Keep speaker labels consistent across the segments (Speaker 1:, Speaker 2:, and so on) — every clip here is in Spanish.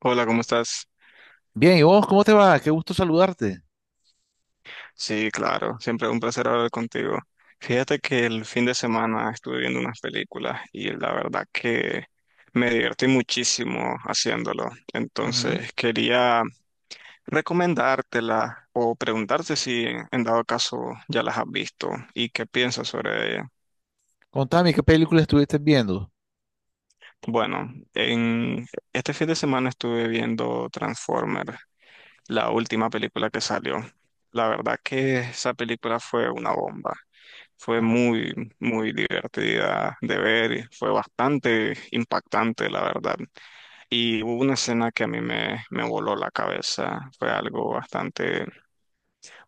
Speaker 1: Hola, ¿cómo estás?
Speaker 2: Bien, ¿y vos cómo te va? Qué gusto saludarte.
Speaker 1: Sí, claro, siempre un placer hablar contigo. Fíjate que el fin de semana estuve viendo unas películas y la verdad que me divertí muchísimo haciéndolo.
Speaker 2: Ujú.
Speaker 1: Entonces quería recomendártela o preguntarte si en dado caso ya las has visto y qué piensas sobre ella.
Speaker 2: Contame, ¿qué película estuviste viendo?
Speaker 1: Bueno, en este fin de semana estuve viendo Transformer, la última película que salió. La verdad que esa película fue una bomba. Fue
Speaker 2: Ajá.
Speaker 1: muy, muy divertida de ver, y fue bastante impactante, la verdad. Y hubo una escena que a mí me voló la cabeza, fue algo bastante,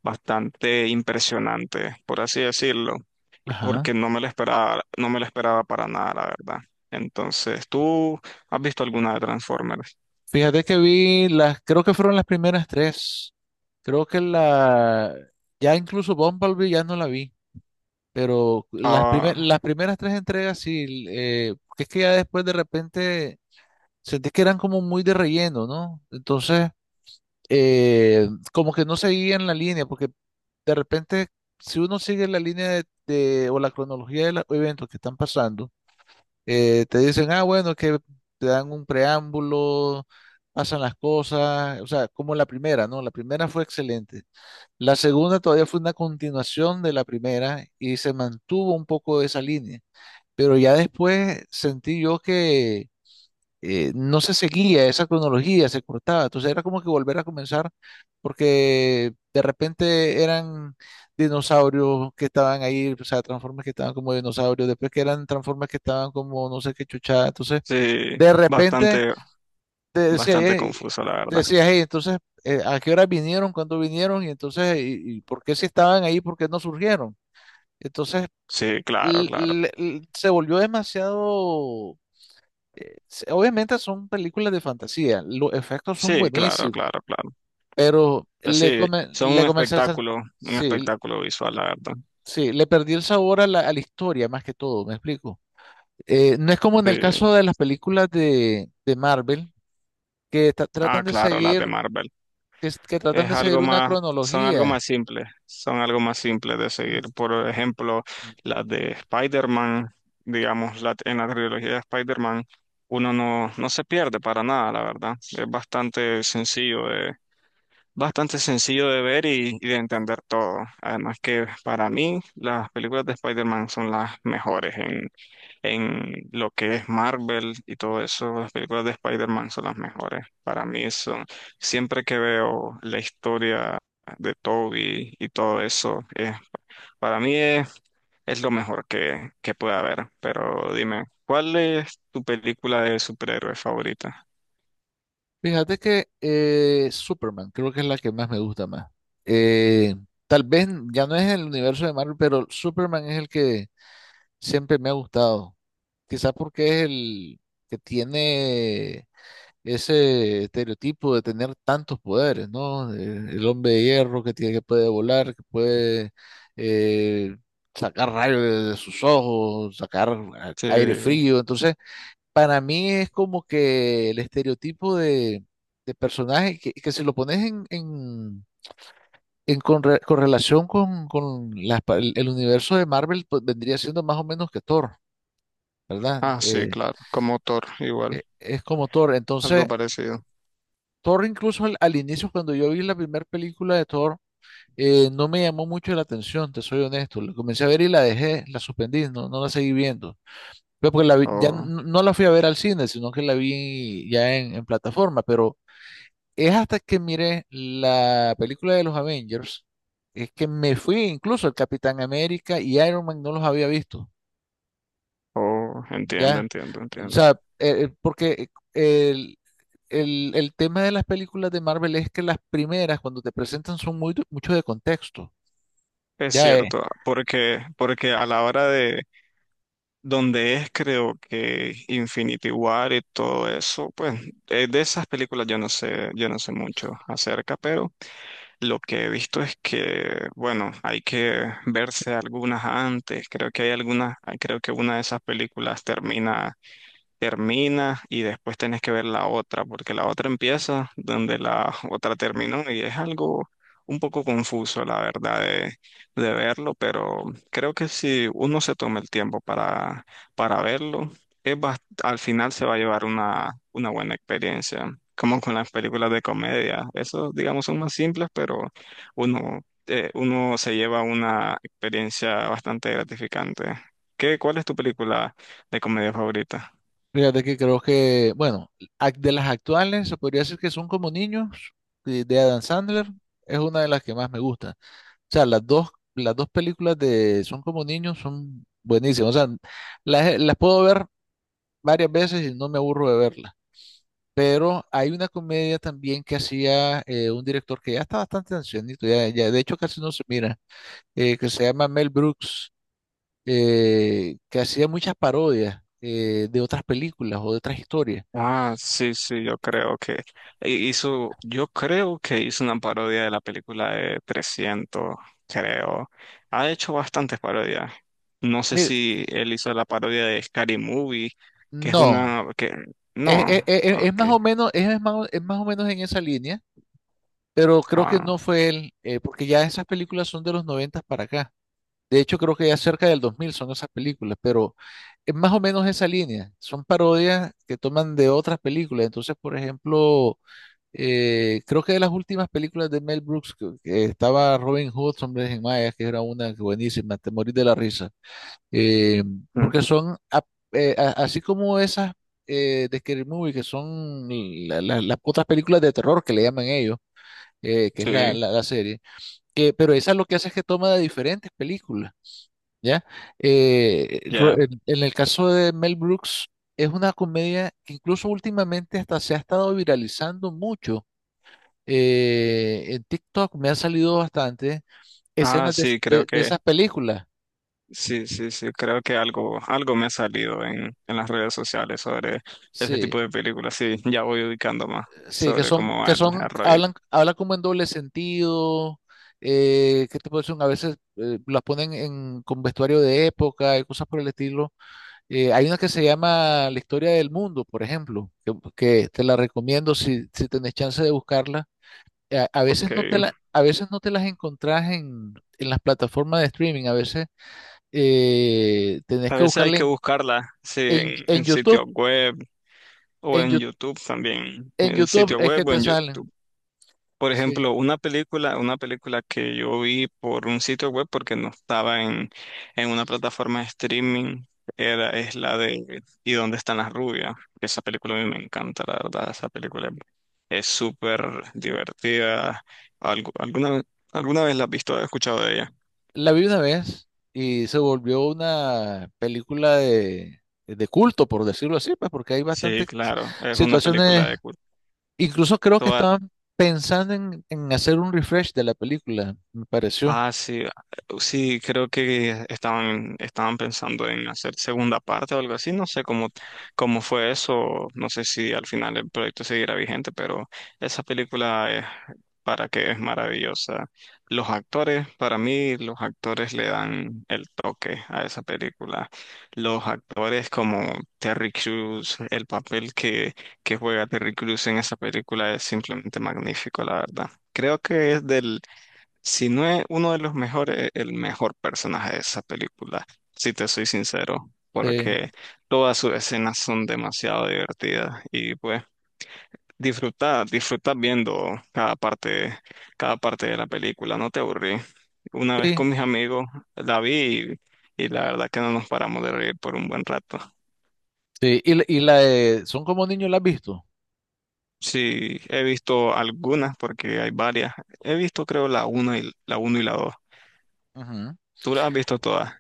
Speaker 1: bastante impresionante, por así decirlo, y porque
Speaker 2: Ajá.
Speaker 1: no me la esperaba, no me la esperaba para nada, la verdad. Entonces, ¿tú has visto alguna de Transformers?
Speaker 2: Fíjate que vi las, creo que fueron las primeras tres. Creo que la, ya incluso Bumblebee ya no la vi, pero las, primer-
Speaker 1: Ah,
Speaker 2: las primeras tres entregas sí, porque es que ya después de repente sentí que eran como muy de relleno, ¿no? Entonces, como que no seguían la línea, porque de repente, si uno sigue la línea o la cronología de los eventos que están pasando, te dicen, ah, bueno, que te dan un preámbulo, pasan las cosas, o sea, como la primera, ¿no? La primera fue excelente. La segunda todavía fue una continuación de la primera y se mantuvo un poco esa línea, pero ya después sentí yo no se seguía esa cronología, se cortaba. Entonces era como que volver a comenzar porque de repente eran dinosaurios que estaban ahí, o sea, transformes que estaban como dinosaurios, después que eran transformes que estaban como no sé qué chuchada. Entonces,
Speaker 1: sí,
Speaker 2: de repente
Speaker 1: bastante,
Speaker 2: te decía,
Speaker 1: bastante
Speaker 2: "Ey",
Speaker 1: confuso, la
Speaker 2: te
Speaker 1: verdad.
Speaker 2: decías, "Ey, entonces, ¿a qué hora vinieron? ¿Cuándo vinieron? Y entonces, y por qué si estaban ahí? ¿Por qué no surgieron? Entonces,
Speaker 1: Sí, claro, claro.
Speaker 2: se volvió demasiado obviamente son películas de fantasía, los efectos son
Speaker 1: Sí, claro,
Speaker 2: buenísimos,
Speaker 1: claro, claro.
Speaker 2: pero
Speaker 1: Pues sí, son
Speaker 2: le comencé a sen-
Speaker 1: un
Speaker 2: sí,
Speaker 1: espectáculo visual, la verdad.
Speaker 2: sí, le perdí el sabor a la historia más que todo, ¿me explico? No es como en el
Speaker 1: Sí.
Speaker 2: caso de las películas de Marvel, que
Speaker 1: Ah,
Speaker 2: tratan de
Speaker 1: claro, las de
Speaker 2: seguir,
Speaker 1: Marvel.
Speaker 2: que tratan
Speaker 1: Es
Speaker 2: de seguir
Speaker 1: algo
Speaker 2: una
Speaker 1: más, son algo
Speaker 2: cronología.
Speaker 1: más simples, son algo más simples de seguir.
Speaker 2: Mm,
Speaker 1: Por ejemplo,
Speaker 2: mm.
Speaker 1: las de Spider-Man, digamos, en la trilogía de Spider-Man, uno no se pierde para nada, la verdad. Es bastante sencillo de ver y de entender todo. Además que para mí, las películas de Spider-Man son las mejores en lo que es Marvel y todo eso, las películas de Spider-Man son las mejores. Para mí son, siempre que veo la historia de Toby y todo eso, para mí es lo mejor que puede haber. Pero dime, ¿cuál es tu película de superhéroe favorita?
Speaker 2: Fíjate que Superman creo que es la que más me gusta más. Eh, Tal vez ya no es el universo de Marvel, pero Superman es el que siempre me ha gustado. Quizás porque es el que tiene ese estereotipo de tener tantos poderes, ¿no? El hombre de hierro que tiene, que puede volar, que puede eh, sacar rayos de sus ojos, sacar
Speaker 1: Sí.
Speaker 2: aire, sí, frío. Entonces, para mí es como que el estereotipo de personaje que si lo pones en correlación con el universo de Marvel, pues vendría siendo más o menos que Thor, ¿verdad?
Speaker 1: Ah, sí, claro, como Thor, igual,
Speaker 2: Es como Thor.
Speaker 1: algo
Speaker 2: Entonces,
Speaker 1: parecido.
Speaker 2: Thor incluso al inicio, cuando yo vi la primera película de Thor, no me llamó mucho la atención, te soy honesto. La comencé a ver y la dejé, la suspendí, no, no la seguí viendo. Pero porque la vi- ya
Speaker 1: Oh,
Speaker 2: n- no la fui a ver al cine, sino que la vi ya en plataforma. Pero es hasta que miré la película de los Avengers, es que me fui incluso el Capitán América y Iron Man no los había visto.
Speaker 1: oh, entiendo,
Speaker 2: Ya,
Speaker 1: entiendo,
Speaker 2: o
Speaker 1: entiendo.
Speaker 2: sea, porque el tema de las películas de Marvel es que las primeras, cuando te presentan, son mucho de contexto.
Speaker 1: Es
Speaker 2: Ya,
Speaker 1: cierto, porque, porque a la hora de, donde es creo que Infinity War y todo eso, pues de esas películas yo no sé mucho acerca, pero lo que he visto es que, bueno, hay que verse algunas antes, creo que hay algunas, ah, creo que una de esas películas termina y después tenés que ver la otra, porque la otra empieza donde la otra terminó y es algo un poco confuso, la verdad, de verlo, pero creo que si uno se toma el tiempo para verlo, es al final se va a llevar una buena experiencia, como con las películas de comedia. Esos, digamos, son más simples, pero uno, uno se lleva una experiencia bastante gratificante. ¿Qué, cuál es tu película de comedia favorita?
Speaker 2: fíjate que creo que, bueno, de las actuales, se podría decir que son como niños, de Adam Sandler, es una de las que más me gusta. O sea, las dos películas de Son como niños son buenísimas. O sea, las puedo ver varias veces y no me aburro de verlas. Pero hay una comedia también que hacía un director que ya está bastante ancianito, ya de hecho casi no se mira que se llama Mel Brooks, que hacía muchas parodias de otras películas o de otras historias.
Speaker 1: Ah, sí, sí, yo creo que hizo, yo creo que hizo una parodia de la película de 300, creo. Ha hecho bastantes parodias. No sé
Speaker 2: Mire,
Speaker 1: si él hizo la parodia de Scary Movie, que es
Speaker 2: no,
Speaker 1: una, que,
Speaker 2: es, es-
Speaker 1: no,
Speaker 2: es- es
Speaker 1: ok,
Speaker 2: más o menos, es más, es más o menos en esa línea, pero creo que
Speaker 1: ah,
Speaker 2: no fue él, porque ya esas películas son de los 90 para acá. De hecho, creo que ya cerca del 2000 son esas películas, pero es más o menos esa línea. Son parodias que toman de otras películas. Entonces, por ejemplo, creo que de las últimas películas de Mel Brooks, que estaba Robin Hood, Hombres en Mayas, que era una buenísima, te morís de la risa. Eh,
Speaker 1: mm,
Speaker 2: porque son, así como esas de Scary Movie, que son las otras películas de terror que le llaman ellos, que es la,
Speaker 1: sí,
Speaker 2: la, la serie, pero esa lo que hace es que toma de diferentes películas, ¿ya? Eh, ro-
Speaker 1: ya.
Speaker 2: en en el caso de Mel Brooks, es una comedia que incluso últimamente hasta se ha estado viralizando mucho en TikTok me ha salido bastante
Speaker 1: Ah,
Speaker 2: escenas de,
Speaker 1: sí, creo
Speaker 2: de- de
Speaker 1: que,
Speaker 2: esas películas.
Speaker 1: sí, sí, sí, creo que algo, algo me ha salido en las redes sociales sobre este
Speaker 2: Sí,
Speaker 1: tipo de películas, sí, ya voy ubicando más
Speaker 2: sí,
Speaker 1: sobre cómo va el rollo.
Speaker 2: hablan como en doble sentido. ¿Qué te puedo decir? A veces las ponen con vestuario de época y cosas por el estilo. Hay una que se llama La historia del mundo, por ejemplo, que te la recomiendo si tenés chance de buscarla. A
Speaker 1: Ok.
Speaker 2: veces no te la, a veces no te las encontrás en las plataformas de streaming, a veces tenés
Speaker 1: A
Speaker 2: que
Speaker 1: veces hay
Speaker 2: buscarla
Speaker 1: que buscarla, sí,
Speaker 2: En, en
Speaker 1: en
Speaker 2: YouTube.
Speaker 1: sitios web o
Speaker 2: en,
Speaker 1: en
Speaker 2: Yu-
Speaker 1: YouTube también,
Speaker 2: en
Speaker 1: en
Speaker 2: YouTube
Speaker 1: sitio
Speaker 2: es que
Speaker 1: web o
Speaker 2: te
Speaker 1: en
Speaker 2: salen.
Speaker 1: YouTube. Por
Speaker 2: Sí.
Speaker 1: ejemplo, una película que yo vi por un sitio web porque no estaba en una plataforma de streaming, era, es la de ¿Y dónde están las rubias? Esa película a mí me encanta, la verdad, esa película es súper divertida. Algu- alguna, ¿Alguna vez la has visto o has escuchado de ella?
Speaker 2: La vi una vez y se volvió una película de culto, por decirlo así, pues porque hay
Speaker 1: Sí,
Speaker 2: bastantes
Speaker 1: claro, es una película
Speaker 2: situaciones.
Speaker 1: de culto.
Speaker 2: Incluso creo que estaban pensando en hacer un refresh de la película, me pareció.
Speaker 1: Ah, sí, ah, sí, creo que estaban, estaban pensando en hacer segunda parte o algo así, no sé cómo, cómo fue eso, no sé si al final el proyecto seguirá vigente, pero esa película es para que es maravillosa. Los actores, para mí, los actores le dan el toque a esa película. Los actores como Terry Crews, el papel que juega Terry Crews en esa película es simplemente magnífico, la verdad. Creo que es del si no es uno de los mejores, es el mejor personaje de esa película, si te soy sincero,
Speaker 2: Sí,
Speaker 1: porque todas sus escenas son demasiado divertidas y pues disfruta, disfruta viendo cada parte de la película, no te aburrí. Una vez
Speaker 2: sí,
Speaker 1: con mis amigos la vi y la verdad que no nos paramos de reír por un buen rato.
Speaker 2: sí. Y, la de Son como niños, ¿la has visto?
Speaker 1: Sí, he visto algunas porque hay varias. He visto creo la 1 y la uno y la dos.
Speaker 2: Ujú.
Speaker 1: ¿Tú las has visto todas?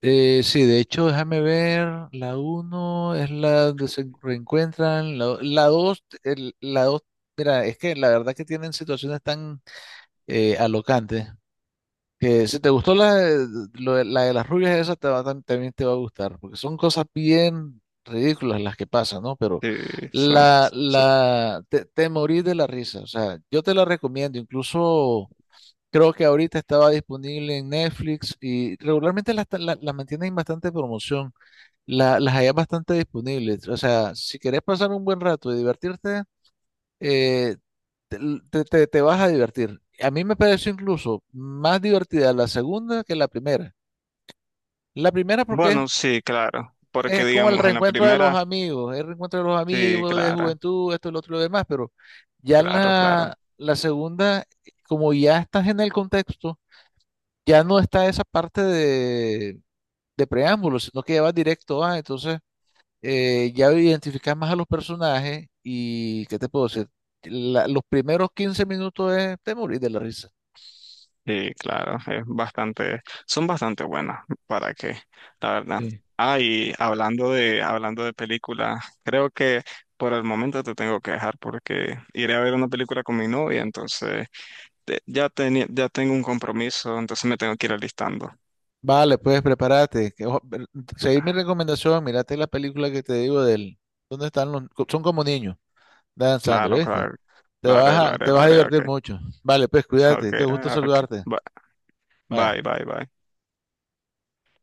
Speaker 2: Sí, de hecho, déjame ver, la uno es la donde se reencuentran, la 2. La 2, mira, es que la verdad que tienen situaciones tan alocantes, que si te gustó la de las rubias, esa te va también te va a gustar, porque son cosas bien ridículas las que pasan, ¿no? Pero
Speaker 1: Sí, son,
Speaker 2: te morís de la risa, o sea, yo te la recomiendo, incluso. Creo que ahorita estaba disponible en Netflix y regularmente las mantienen en bastante promoción, las hay bastante disponibles. O sea, si querés pasar un buen rato y divertirte, eh, te, te vas a divertir. A mí me pareció incluso más divertida la segunda que la primera. La primera porque es,
Speaker 1: Bueno, sí, claro, porque
Speaker 2: es como el
Speaker 1: digamos, en la
Speaker 2: reencuentro de los
Speaker 1: primera,
Speaker 2: amigos, el reencuentro de los
Speaker 1: sí,
Speaker 2: amigos, de
Speaker 1: claro,
Speaker 2: juventud, esto, lo otro y lo demás, pero ya en
Speaker 1: claro, claro,
Speaker 2: la segunda, como ya estás en el contexto ya no está esa parte de preámbulos, sino que ya vas directo a, entonces ya identificas más a los personajes y, ¿qué te puedo decir? Los primeros 15 minutos es te morís de la risa.
Speaker 1: sí, claro, es bastante, son bastante buenas, ¿para que La verdad.
Speaker 2: Sí.
Speaker 1: Ah, y hablando de películas, creo que por el momento te tengo que dejar porque iré a ver una película con mi novia, entonces ya tenía, ya tengo un compromiso, entonces me tengo que ir alistando.
Speaker 2: Vale, pues prepárate, seguí mi recomendación, mírate la película que te digo del. ¿Dónde están los? Son como niños, Dan
Speaker 1: Claro,
Speaker 2: Sandler, ¿viste?
Speaker 1: claro,
Speaker 2: Te
Speaker 1: lo haré, lo
Speaker 2: vas a,
Speaker 1: haré,
Speaker 2: te
Speaker 1: lo
Speaker 2: vas a
Speaker 1: haré, ok,
Speaker 2: divertir mucho. Vale, pues
Speaker 1: ok,
Speaker 2: cuídate, qué gusto
Speaker 1: ok,
Speaker 2: saludarte. Bye.
Speaker 1: bye, bye, bye.